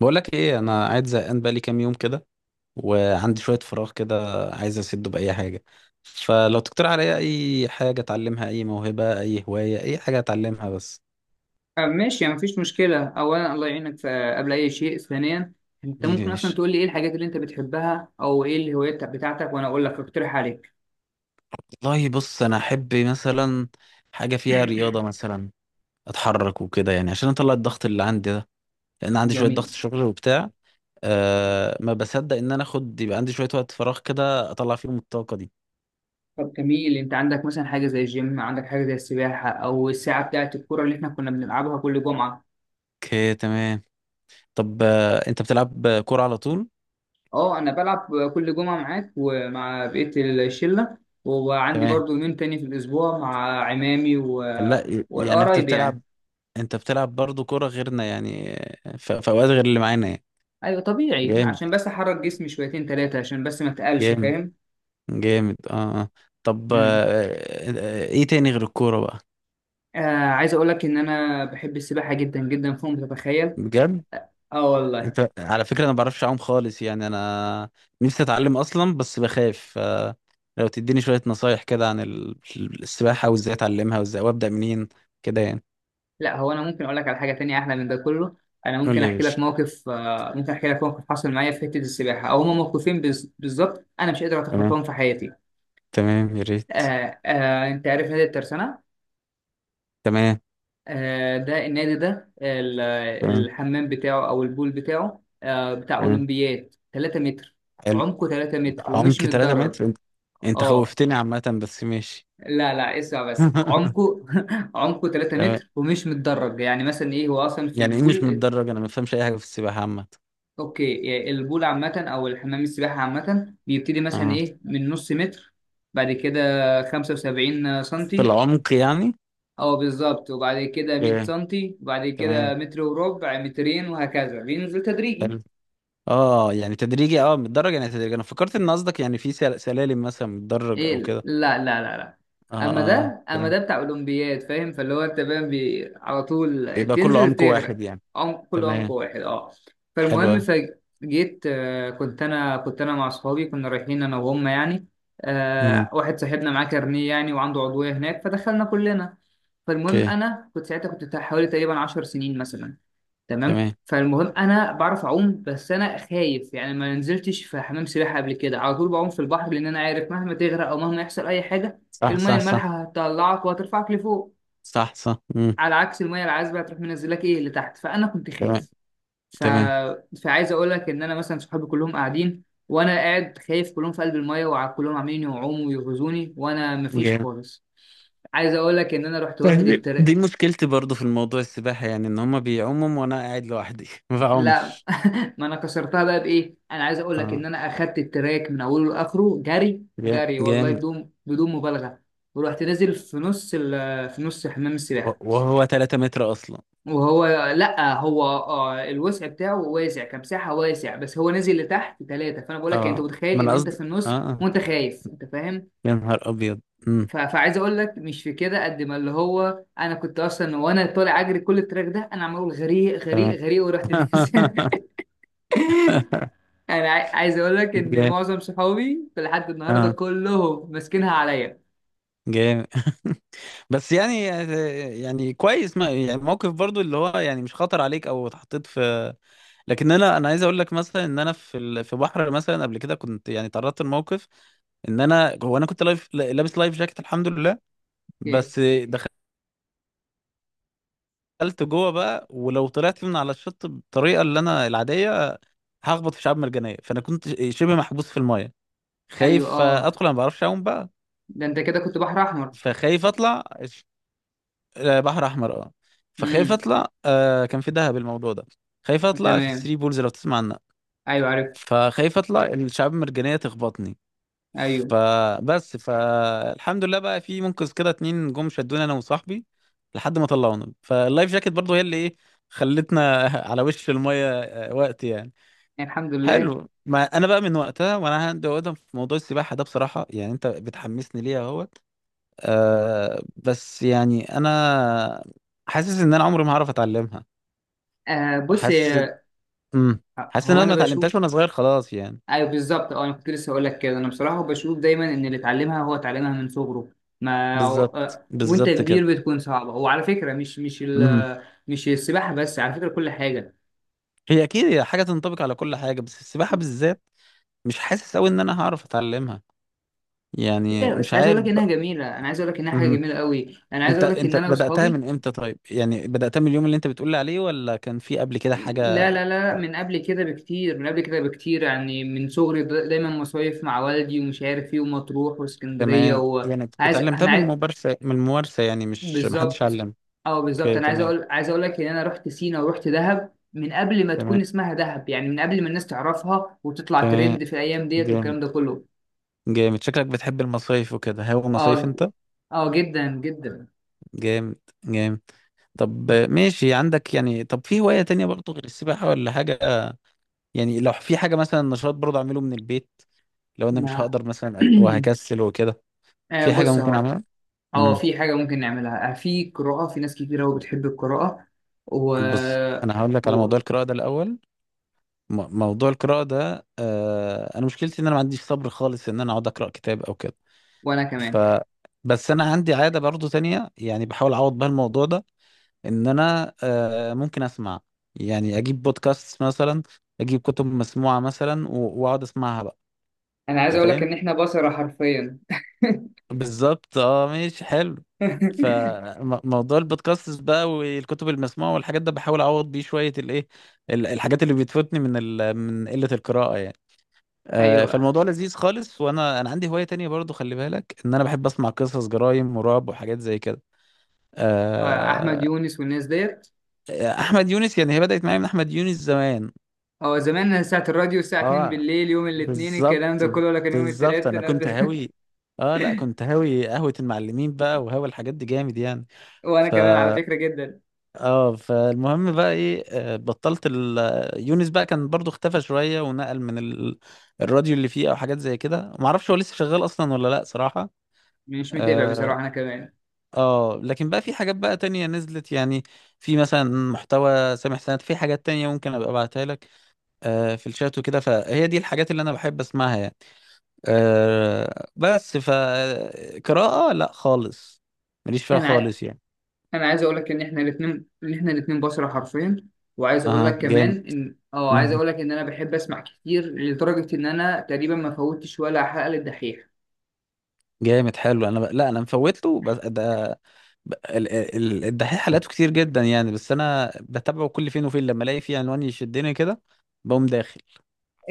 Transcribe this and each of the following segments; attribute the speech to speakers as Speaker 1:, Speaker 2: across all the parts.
Speaker 1: بقولك ايه، انا قاعد زهقان بقالي كام يوم كده، وعندي شويه فراغ كده، عايز اسده باي حاجه. فلو تقترح عليا اي حاجه اتعلمها، اي موهبه، اي هوايه، اي حاجه اتعلمها بس.
Speaker 2: ماشي، يعني مفيش مشكلة. أولا الله يعينك قبل أي شيء، ثانيا أنت
Speaker 1: بيبي
Speaker 2: ممكن
Speaker 1: يا
Speaker 2: أصلا
Speaker 1: باشا.
Speaker 2: تقول لي إيه الحاجات اللي أنت بتحبها أو إيه الهوايات بتاعتك وأنا أقول لك أقترح عليك.
Speaker 1: والله بص انا احب مثلا حاجه فيها رياضه، مثلا اتحرك وكده يعني عشان اطلع الضغط اللي عندي ده، لان عندي شويه ضغط
Speaker 2: جميل.
Speaker 1: شغل وبتاع. أه ما بصدق ان انا اخد يبقى عندي شويه وقت فراغ كده اطلع فيهم الطاقه دي.
Speaker 2: طب جميل، أنت عندك مثلا حاجة زي الجيم، عندك حاجة زي السباحة، أو الساعة بتاعة الكورة اللي إحنا كنا بنلعبها كل جمعة؟
Speaker 1: اوكي تمام. طب انت بتلعب كوره على طول؟
Speaker 2: أه أنا بلعب كل جمعة معاك ومع بقية الشلة، وعندي
Speaker 1: تمام.
Speaker 2: برضو يومين تاني في الأسبوع مع عمامي و...
Speaker 1: لا يعني
Speaker 2: والقرايب يعني.
Speaker 1: انت بتلعب برضو كرة غيرنا يعني؟ في اوقات غير اللي معانا يعني.
Speaker 2: أيوة طبيعي،
Speaker 1: جامد
Speaker 2: عشان بس أحرك جسمي شويتين تلاتة عشان بس ما أتقلش،
Speaker 1: جامد
Speaker 2: فاهم.
Speaker 1: جامد، اه اه. طب
Speaker 2: امم
Speaker 1: ايه تاني غير الكورة بقى؟
Speaker 2: آه عايز اقول لك ان انا بحب السباحه جدا جدا فوق ما تتخيل.
Speaker 1: بجد؟
Speaker 2: اه والله.
Speaker 1: انت على فكرة انا ما بعرفش اعوم خالص يعني، انا نفسي اتعلم اصلا بس بخاف. لو تديني شوية نصايح كده عن السباحة، وازاي اتعلمها، وازاي وابدأ منين كده يعني.
Speaker 2: لا هو انا ممكن اقول لك على حاجه تانية احلى من ده كله. انا
Speaker 1: قول
Speaker 2: ممكن
Speaker 1: لي يا
Speaker 2: احكي
Speaker 1: باشا.
Speaker 2: لك موقف، ممكن احكي لك موقف حصل معايا في حته السباحه، او هما موقفين بالظبط انا مش قادر
Speaker 1: تمام.
Speaker 2: اتخطاهم في حياتي.
Speaker 1: تمام يا ريت.
Speaker 2: آه آه، انت عارف نادي الترسانه؟
Speaker 1: تمام
Speaker 2: آه ده النادي ده
Speaker 1: تمام
Speaker 2: الحمام بتاعه او البول بتاعه، آه بتاع
Speaker 1: تمام،
Speaker 2: اولمبياد، 3 متر.
Speaker 1: حلو.
Speaker 2: عمقه 3 متر
Speaker 1: عمق
Speaker 2: ومش
Speaker 1: 3
Speaker 2: متدرج.
Speaker 1: متر؟ انت انت
Speaker 2: اه
Speaker 1: خوفتني عامة بس ماشي.
Speaker 2: لا لا اسمع بس، عمقه عمقه 3
Speaker 1: تمام.
Speaker 2: متر ومش متدرج. يعني مثلا ايه هو اصلا في
Speaker 1: يعني ايه مش
Speaker 2: البول؟
Speaker 1: متدرج؟ انا ما بفهمش اي حاجة في السباحة عامة.
Speaker 2: اوكي، يعني البول عامة او الحمام السباحة عامة بيبتدي مثلا
Speaker 1: اه،
Speaker 2: ايه من نص متر، بعد كده 75
Speaker 1: في
Speaker 2: سنتي
Speaker 1: العمق يعني.
Speaker 2: او بالظبط، وبعد كده 100
Speaker 1: اوكي
Speaker 2: سنتي، وبعد
Speaker 1: تمام،
Speaker 2: كده متر وربع، مترين، وهكذا بينزل تدريجي.
Speaker 1: حلو. اه يعني تدريجي، اه متدرج يعني تدريجي. انا فكرت ان قصدك يعني في سلالم مثلا متدرج
Speaker 2: ايه.
Speaker 1: او كده.
Speaker 2: لا لا لا لا،
Speaker 1: اه
Speaker 2: اما
Speaker 1: اه.
Speaker 2: ده اما
Speaker 1: تمام.
Speaker 2: ده بتاع اولمبياد، فاهم؟ فاللي هو انت فاهم على طول
Speaker 1: يبقى كل
Speaker 2: تنزل
Speaker 1: عمق
Speaker 2: تغرق.
Speaker 1: واحد يعني.
Speaker 2: عم كل عمق
Speaker 1: تمام.
Speaker 2: واحد، اه. فالمهم
Speaker 1: حلوة.
Speaker 2: فجيت، كنت انا مع اصحابي، كنا رايحين انا وهم يعني.
Speaker 1: امم.
Speaker 2: واحد صاحبنا معاه كارنيه يعني وعنده عضويه هناك، فدخلنا كلنا. فالمهم
Speaker 1: اوكي
Speaker 2: انا كنت ساعتها كنت بتاع حوالي تقريبا 10 سنين مثلا. تمام.
Speaker 1: تمام.
Speaker 2: فالمهم انا بعرف اعوم بس انا خايف يعني، ما نزلتش في حمام سباحه قبل كده، على طول بعوم في البحر لان انا عارف مهما تغرق او مهما يحصل اي حاجه،
Speaker 1: صح
Speaker 2: الميه
Speaker 1: صح صح.
Speaker 2: المالحه هتطلعك وهترفعك لفوق.
Speaker 1: صح صح، امم.
Speaker 2: على عكس الميه العذبه هتروح منزلك ايه لتحت، فانا كنت
Speaker 1: تمام
Speaker 2: خايف. ف...
Speaker 1: تمام.
Speaker 2: فعايز اقول لك ان انا مثلا صحابي كلهم قاعدين، وانا قاعد خايف، كلهم في قلب الميه وكلهم عاملين يعوموا ويغزوني وانا مفيش
Speaker 1: جامد.
Speaker 2: خالص. عايز اقول لك ان انا رحت واخد
Speaker 1: فاهمني؟ دي مشكلتي برضو في الموضوع السباحة يعني، ان هما بيعوموا وانا قاعد لوحدي ما
Speaker 2: لا
Speaker 1: بعومش.
Speaker 2: ما انا كسرتها بقى بايه، انا عايز اقول لك
Speaker 1: اه،
Speaker 2: ان انا اخدت التراك من اوله لاخره جري جري والله،
Speaker 1: جامد.
Speaker 2: بدون بدون مبالغه. ورحت نازل في نص في نص حمام السباحه.
Speaker 1: وهو 3 متر اصلا؟
Speaker 2: وهو لا هو آه الوسع بتاعه واسع كمساحه واسع، بس هو نازل لتحت ثلاثه، فانا بقول لك يعني، انت
Speaker 1: اه
Speaker 2: متخيل
Speaker 1: ما انا
Speaker 2: ان انت
Speaker 1: قصدي،
Speaker 2: في
Speaker 1: اه
Speaker 2: النص
Speaker 1: آه.
Speaker 2: وانت خايف، انت فاهم.
Speaker 1: يا نهار ابيض. امم.
Speaker 2: فعايز اقول لك مش في كده، قد ما اللي هو انا كنت اصلا وانا طالع اجري كل التراك ده انا عمال اقول غريق غريق
Speaker 1: تمام.
Speaker 2: غريق ورحت نازل. انا عايز اقول لك ان
Speaker 1: جامد،
Speaker 2: معظم صحابي في لحد النهارده
Speaker 1: اه.
Speaker 2: كلهم ماسكينها عليا.
Speaker 1: جامد. بس يعني، يعني كويس، ما يعني موقف برضو اللي هو يعني مش خطر عليك او اتحطيت في. لكن انا عايز اقول لك مثلا ان انا في في بحر مثلا قبل كده كنت يعني تعرضت لموقف. ان انا، هو انا كنت لايف، لابس لايف جاكيت الحمد لله.
Speaker 2: اوكي،
Speaker 1: بس دخلت جوه بقى، ولو طلعت من على الشط بالطريقه اللي انا العاديه، هخبط في شعاب مرجانيه. فانا كنت شبه محبوس في المايه،
Speaker 2: ايوه
Speaker 1: خايف
Speaker 2: اه.
Speaker 1: ادخل، انا ما بعرفش اعوم بقى.
Speaker 2: ده انت كده كنت بحر احمر.
Speaker 1: فخايف اطلع ش- بحر احمر، اه. فخايف
Speaker 2: امم
Speaker 1: اطلع، كان في دهب الموضوع ده. خايف اطلع في
Speaker 2: تمام،
Speaker 1: الثري بولز، لو تسمع عنها.
Speaker 2: ايوه عرفت.
Speaker 1: فخايف اطلع الشعاب المرجانيه تخبطني.
Speaker 2: ايوه،
Speaker 1: فبس، فالحمد لله بقى في منقذ كده، 2 جم شدونا انا وصاحبي لحد ما طلعونا. فاللايف جاكيت برضو هي اللي ايه، خلتنا على وش الميه وقت يعني.
Speaker 2: الحمد لله.
Speaker 1: حلو. ما انا بقى من وقتها وانا عندي عقده في موضوع السباحه ده بصراحه، يعني انت بتحمسني ليها اهوت. أه بس يعني انا حاسس ان انا عمري ما هعرف اتعلمها.
Speaker 2: آه بص
Speaker 1: حاسس. امم. حاسس ان
Speaker 2: هو
Speaker 1: انا
Speaker 2: انا
Speaker 1: ما اتعلمتهاش
Speaker 2: بشوف.
Speaker 1: وانا صغير خلاص يعني.
Speaker 2: ايوه بالظبط اه، انا كنت لسه هقول لك كده، انا بصراحه بشوف دايما ان اللي اتعلمها هو اتعلمها من صغره. ما
Speaker 1: بالظبط
Speaker 2: وانت
Speaker 1: بالظبط
Speaker 2: كبير بتكون صعبه، وعلى فكره مش مش
Speaker 1: كده.
Speaker 2: مش السباحه بس، على فكره كل حاجه.
Speaker 1: هي اكيد هي حاجه تنطبق على كل حاجه، بس السباحه بالذات مش حاسس قوي ان انا هعرف اتعلمها يعني.
Speaker 2: لا
Speaker 1: مش
Speaker 2: بس عايز اقول
Speaker 1: عارف
Speaker 2: لك انها
Speaker 1: بقى.
Speaker 2: جميله، انا عايز اقول لك انها حاجه
Speaker 1: مهم.
Speaker 2: جميله قوي، انا عايز
Speaker 1: انت
Speaker 2: اقول لك ان
Speaker 1: انت
Speaker 2: انا
Speaker 1: بداتها
Speaker 2: واصحابي.
Speaker 1: من امتى طيب؟ يعني بداتها من اليوم اللي انت بتقول لي عليه، ولا كان في قبل كده
Speaker 2: لا
Speaker 1: حاجه؟
Speaker 2: لا لا، من قبل كده بكتير، من قبل كده بكتير، يعني من صغري دايما مصايف مع والدي ومش عارف ايه، ومطروح واسكندريه،
Speaker 1: تمام، يعني
Speaker 2: وعايز
Speaker 1: اتعلمتها
Speaker 2: انا
Speaker 1: من
Speaker 2: عايز.
Speaker 1: الممارسه، من الممارسه يعني، مش محدش
Speaker 2: بالظبط
Speaker 1: علم.
Speaker 2: اه بالظبط،
Speaker 1: اوكي
Speaker 2: انا عايز
Speaker 1: تمام.
Speaker 2: اقول عايز اقول لك ان انا رحت سينا ورحت دهب من قبل ما تكون
Speaker 1: تمام
Speaker 2: اسمها دهب، يعني من قبل ما الناس تعرفها وتطلع
Speaker 1: تمام.
Speaker 2: ترند في الايام ديت
Speaker 1: جامد.
Speaker 2: والكلام ده كله.
Speaker 1: جامد، شكلك بتحب المصايف وكده. هو مصايف
Speaker 2: اه
Speaker 1: انت؟
Speaker 2: اه جدا جدا.
Speaker 1: جامد. جامد. طب ماشي، عندك يعني، طب في هوايه تانية برضه غير السباحه ولا حاجه؟ يعني لو في حاجة مثلا نشاط برضه أعمله من البيت، لو أنا مش
Speaker 2: نعم.
Speaker 1: هقدر مثلا وهكسل وكده.
Speaker 2: آه
Speaker 1: في حاجة
Speaker 2: بص
Speaker 1: ممكن
Speaker 2: اهو.
Speaker 1: أعملها؟
Speaker 2: اه
Speaker 1: امم.
Speaker 2: في حاجة ممكن نعملها، في قراءة، في ناس كتير أوي بتحب القراءة و...
Speaker 1: بص، أنا هقول لك على
Speaker 2: قول.
Speaker 1: موضوع القراءة ده الأول. موضوع القراءة ده، أنا مشكلتي إن أنا ما عنديش صبر خالص إن أنا أقعد أقرأ كتاب أو كده.
Speaker 2: وأنا
Speaker 1: ف
Speaker 2: كمان.
Speaker 1: بس أنا عندي عادة برضه تانية يعني، بحاول أعوض بها الموضوع ده، إن أنا ممكن أسمع. يعني أجيب بودكاست مثلا، أجيب كتب مسموعة مثلا، وأقعد أسمعها بقى.
Speaker 2: أنا عايز
Speaker 1: أنت
Speaker 2: أقول لك
Speaker 1: فاهم؟
Speaker 2: إن إحنا بصرة حرفيا.
Speaker 1: بالظبط، اه ماشي حلو. فموضوع البودكاست بقى والكتب المسموعة والحاجات ده بحاول أعوض بيه شوية الإيه، الحاجات اللي بتفوتني من من قلة القراءة يعني.
Speaker 2: أيوه،
Speaker 1: فالموضوع لذيذ خالص. وأنا، أنا عندي هواية تانية برضو، خلي بالك إن أنا بحب أسمع قصص جرايم ورعب وحاجات زي كده.
Speaker 2: أحمد
Speaker 1: آه،
Speaker 2: يونس والناس ديت.
Speaker 1: أحمد يونس، يعني هي بدأت معايا من أحمد يونس زمان.
Speaker 2: هو زمان ساعة الراديو الساعة 2
Speaker 1: اه
Speaker 2: بالليل يوم الاثنين
Speaker 1: بالظبط.
Speaker 2: الكلام ده كله، ولا كان يوم
Speaker 1: بالظبط،
Speaker 2: التلات
Speaker 1: أنا كنت هاوي. اه لا، كنت هاوي قهوة المعلمين بقى، وهاوي الحاجات دي جامد يعني.
Speaker 2: وأنا
Speaker 1: ف
Speaker 2: كمان على فكرة جدا.
Speaker 1: اه، فالمهم بقى ايه، بطلت ال... آه، يونس بقى كان برضو اختفى شوية، ونقل من الراديو اللي فيه او حاجات زي كده، ما اعرفش هو لسه شغال اصلا ولا لا صراحة.
Speaker 2: مش متابع
Speaker 1: اه.
Speaker 2: بصراحة أنا كمان.
Speaker 1: لكن بقى في حاجات بقى تانية نزلت يعني. في مثلا محتوى سامح سند، في حاجات تانية ممكن ابقى ابعتها لك في الشات وكده. فهي دي الحاجات اللي انا بحب اسمعها يعني. بس فقراءة لا خالص، ماليش فيها
Speaker 2: أنا
Speaker 1: خالص يعني.
Speaker 2: انا عايز اقول لك ان احنا الاثنين، ان احنا الاثنين بشر حرفيا. وعايز اقول
Speaker 1: اها
Speaker 2: لك كمان
Speaker 1: جامد.
Speaker 2: ان اه عايز اقول لك ان انا بحب اسمع كتير لدرجه ان انا تقريبا ما فوتش ولا حلقه للدحيح.
Speaker 1: جامد حلو. انا لا انا مفوته، بس ده، الدحيح حلقاته كتير جدا يعني. بس انا بتابعه كل فين وفين، لما الاقي فيه عنوان يشدني كده بقوم داخل.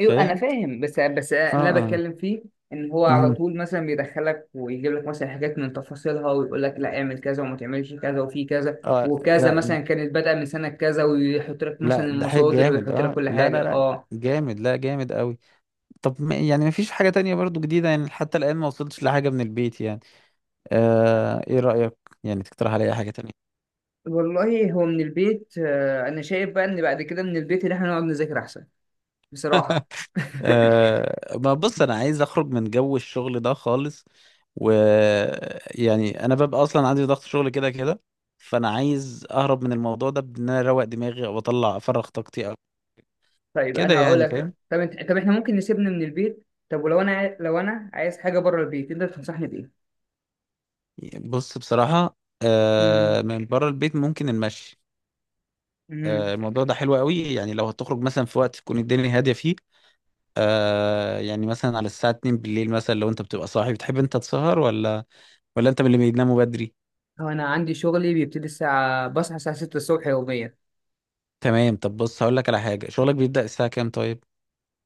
Speaker 2: ايوه انا فاهم، بس
Speaker 1: اه
Speaker 2: اللي انا
Speaker 1: اه.
Speaker 2: بتكلم فيه ان هو على
Speaker 1: مم.
Speaker 2: طول مثلا بيدخلك ويجيب لك مثلا حاجات من تفاصيلها، ويقول لك لا اعمل كذا وما تعملش كذا وفي كذا
Speaker 1: اه
Speaker 2: وكذا،
Speaker 1: لا،
Speaker 2: مثلا كانت بادئه من سنه كذا، ويحط لك مثلا
Speaker 1: لا الدحيح
Speaker 2: المصادر
Speaker 1: جامد،
Speaker 2: ويحط لك
Speaker 1: اه
Speaker 2: كل
Speaker 1: لا
Speaker 2: حاجه،
Speaker 1: لا لا.
Speaker 2: اه.
Speaker 1: جامد، لا جامد قوي. طب ما يعني ما فيش حاجة تانية برضو جديدة يعني؟ حتى الآن ما وصلتش لحاجة من البيت يعني. ايه رأيك؟ يعني تقترح عليا حاجة تانية.
Speaker 2: والله هو من البيت، انا شايف بقى ان بعد كده من البيت اللي احنا نقعد نذاكر احسن، بصراحه.
Speaker 1: أه ما بص، انا عايز اخرج من جو الشغل ده خالص. ويعني انا ببقى اصلا عندي ضغط شغل كده كده، فانا عايز اهرب من الموضوع ده بان انا اروق دماغي او اطلع افرغ طاقتي او
Speaker 2: طيب
Speaker 1: كده
Speaker 2: انا هقول
Speaker 1: يعني،
Speaker 2: لك،
Speaker 1: فاهم.
Speaker 2: طب انت طب احنا ممكن نسيبنا من البيت، طب ولو انا لو انا عايز حاجه بره البيت تقدر تنصحني بايه؟
Speaker 1: بص بصراحة،
Speaker 2: مم.
Speaker 1: أه من بره البيت ممكن المشي.
Speaker 2: امم
Speaker 1: أه الموضوع ده حلو قوي يعني، لو هتخرج مثلا في وقت تكون الدنيا هادية فيه. أه يعني مثلا على الساعة 2 بالليل مثلا، لو انت بتبقى صاحي بتحب انت تسهر، ولا ولا انت من اللي بيناموا بدري؟
Speaker 2: هو انا عندي شغلي بيبتدي الساعه، بصحى الساعه 6 الصبح يوميا.
Speaker 1: تمام. طب بص هقول لك على حاجة، شغلك بيبدأ الساعة كام طيب؟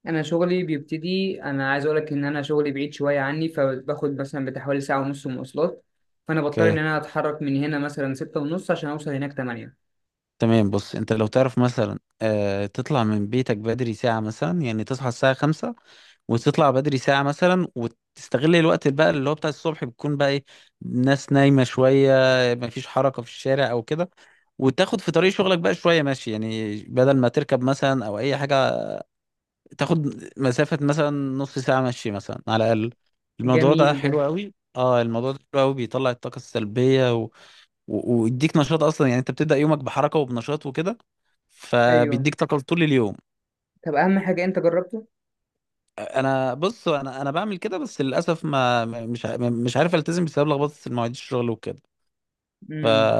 Speaker 2: انا شغلي بيبتدي، انا عايز اقول لك ان انا شغلي بعيد شويه عني، فباخد مثلا بتحوالي ساعه ونص مواصلات. فانا بضطر ان
Speaker 1: اوكي
Speaker 2: انا اتحرك من هنا مثلا 6 ونص عشان اوصل هناك 8.
Speaker 1: تمام. بص، انت لو تعرف مثلا تطلع من بيتك بدري ساعة مثلا، يعني تصحى الساعة 5، وتطلع بدري ساعة مثلا، وتستغل الوقت بقى اللي هو بتاع الصبح، بتكون بقى ايه الناس نايمة شوية، مفيش حركة في الشارع او كده، وتاخد في طريق شغلك بقى شوية ماشي يعني، بدل ما تركب مثلا او اي حاجة. تاخد مسافة مثلا نص ساعة مشي مثلا على الاقل. الموضوع
Speaker 2: جميل
Speaker 1: ده
Speaker 2: ده.
Speaker 1: حلو قوي، اه الموضوع ده حلو قوي، بيطلع الطاقة السلبية ويديك نشاط اصلا. يعني انت بتبدأ يومك بحركة وبنشاط وكده،
Speaker 2: ايوه.
Speaker 1: فبيديك طاقة طول اليوم.
Speaker 2: طب اهم حاجه انت جربته.
Speaker 1: انا بص، انا بعمل كده بس للاسف مش عارف التزم بسبب لخبطة المواعيد الشغل وكده.
Speaker 2: امم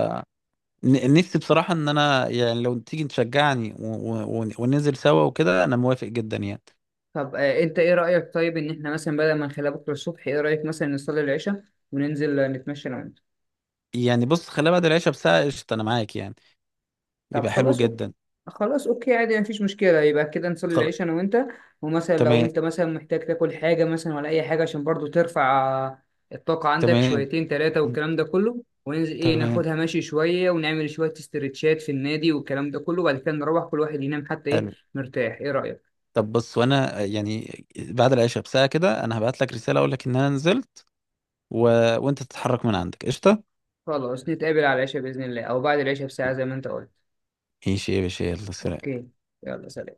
Speaker 1: نفسي بصراحة ان انا يعني لو تيجي تشجعني وننزل سوا وكده، انا موافق جدا يعني.
Speaker 2: طب انت ايه رأيك طيب، ان احنا مثلا بدل ما نخليها بكرة الصبح، ايه رأيك مثلا نصلي العشاء وننزل نتمشى انا وانت.
Speaker 1: يعني بص، خليها بعد العشاء بساعة قشطة، انا معاك يعني.
Speaker 2: طب
Speaker 1: يبقى حلو
Speaker 2: خلاص اوكي.
Speaker 1: جدا.
Speaker 2: خلاص اوكي عادي مفيش مشكلة، يبقى كده نصلي
Speaker 1: خلاص
Speaker 2: العشاء انا وانت، ومثلا لو
Speaker 1: تمام
Speaker 2: انت مثلا محتاج تاكل حاجة مثلا ولا اي حاجة عشان برضو ترفع الطاقة عندك
Speaker 1: تمام
Speaker 2: شويتين تلاتة والكلام ده كله، وننزل ايه
Speaker 1: تمام،
Speaker 2: ناخدها ماشي شوية ونعمل شوية استرتشات في النادي والكلام ده كله، وبعد كده نروح كل واحد ينام حتى ايه
Speaker 1: حلو.
Speaker 2: مرتاح. ايه رأيك؟
Speaker 1: طب بص، وانا يعني بعد العشاء بساعة كده انا هبعت لك رسالة اقول لك ان انا نزلت. و... وانت تتحرك من عندك قشطة.
Speaker 2: خلاص نتقابل على العشاء بإذن الله، او بعد العشاء بساعة زي ما انت قلت.
Speaker 1: ماشي يا باشا، يلا سلام.
Speaker 2: اوكي. يلا سلام.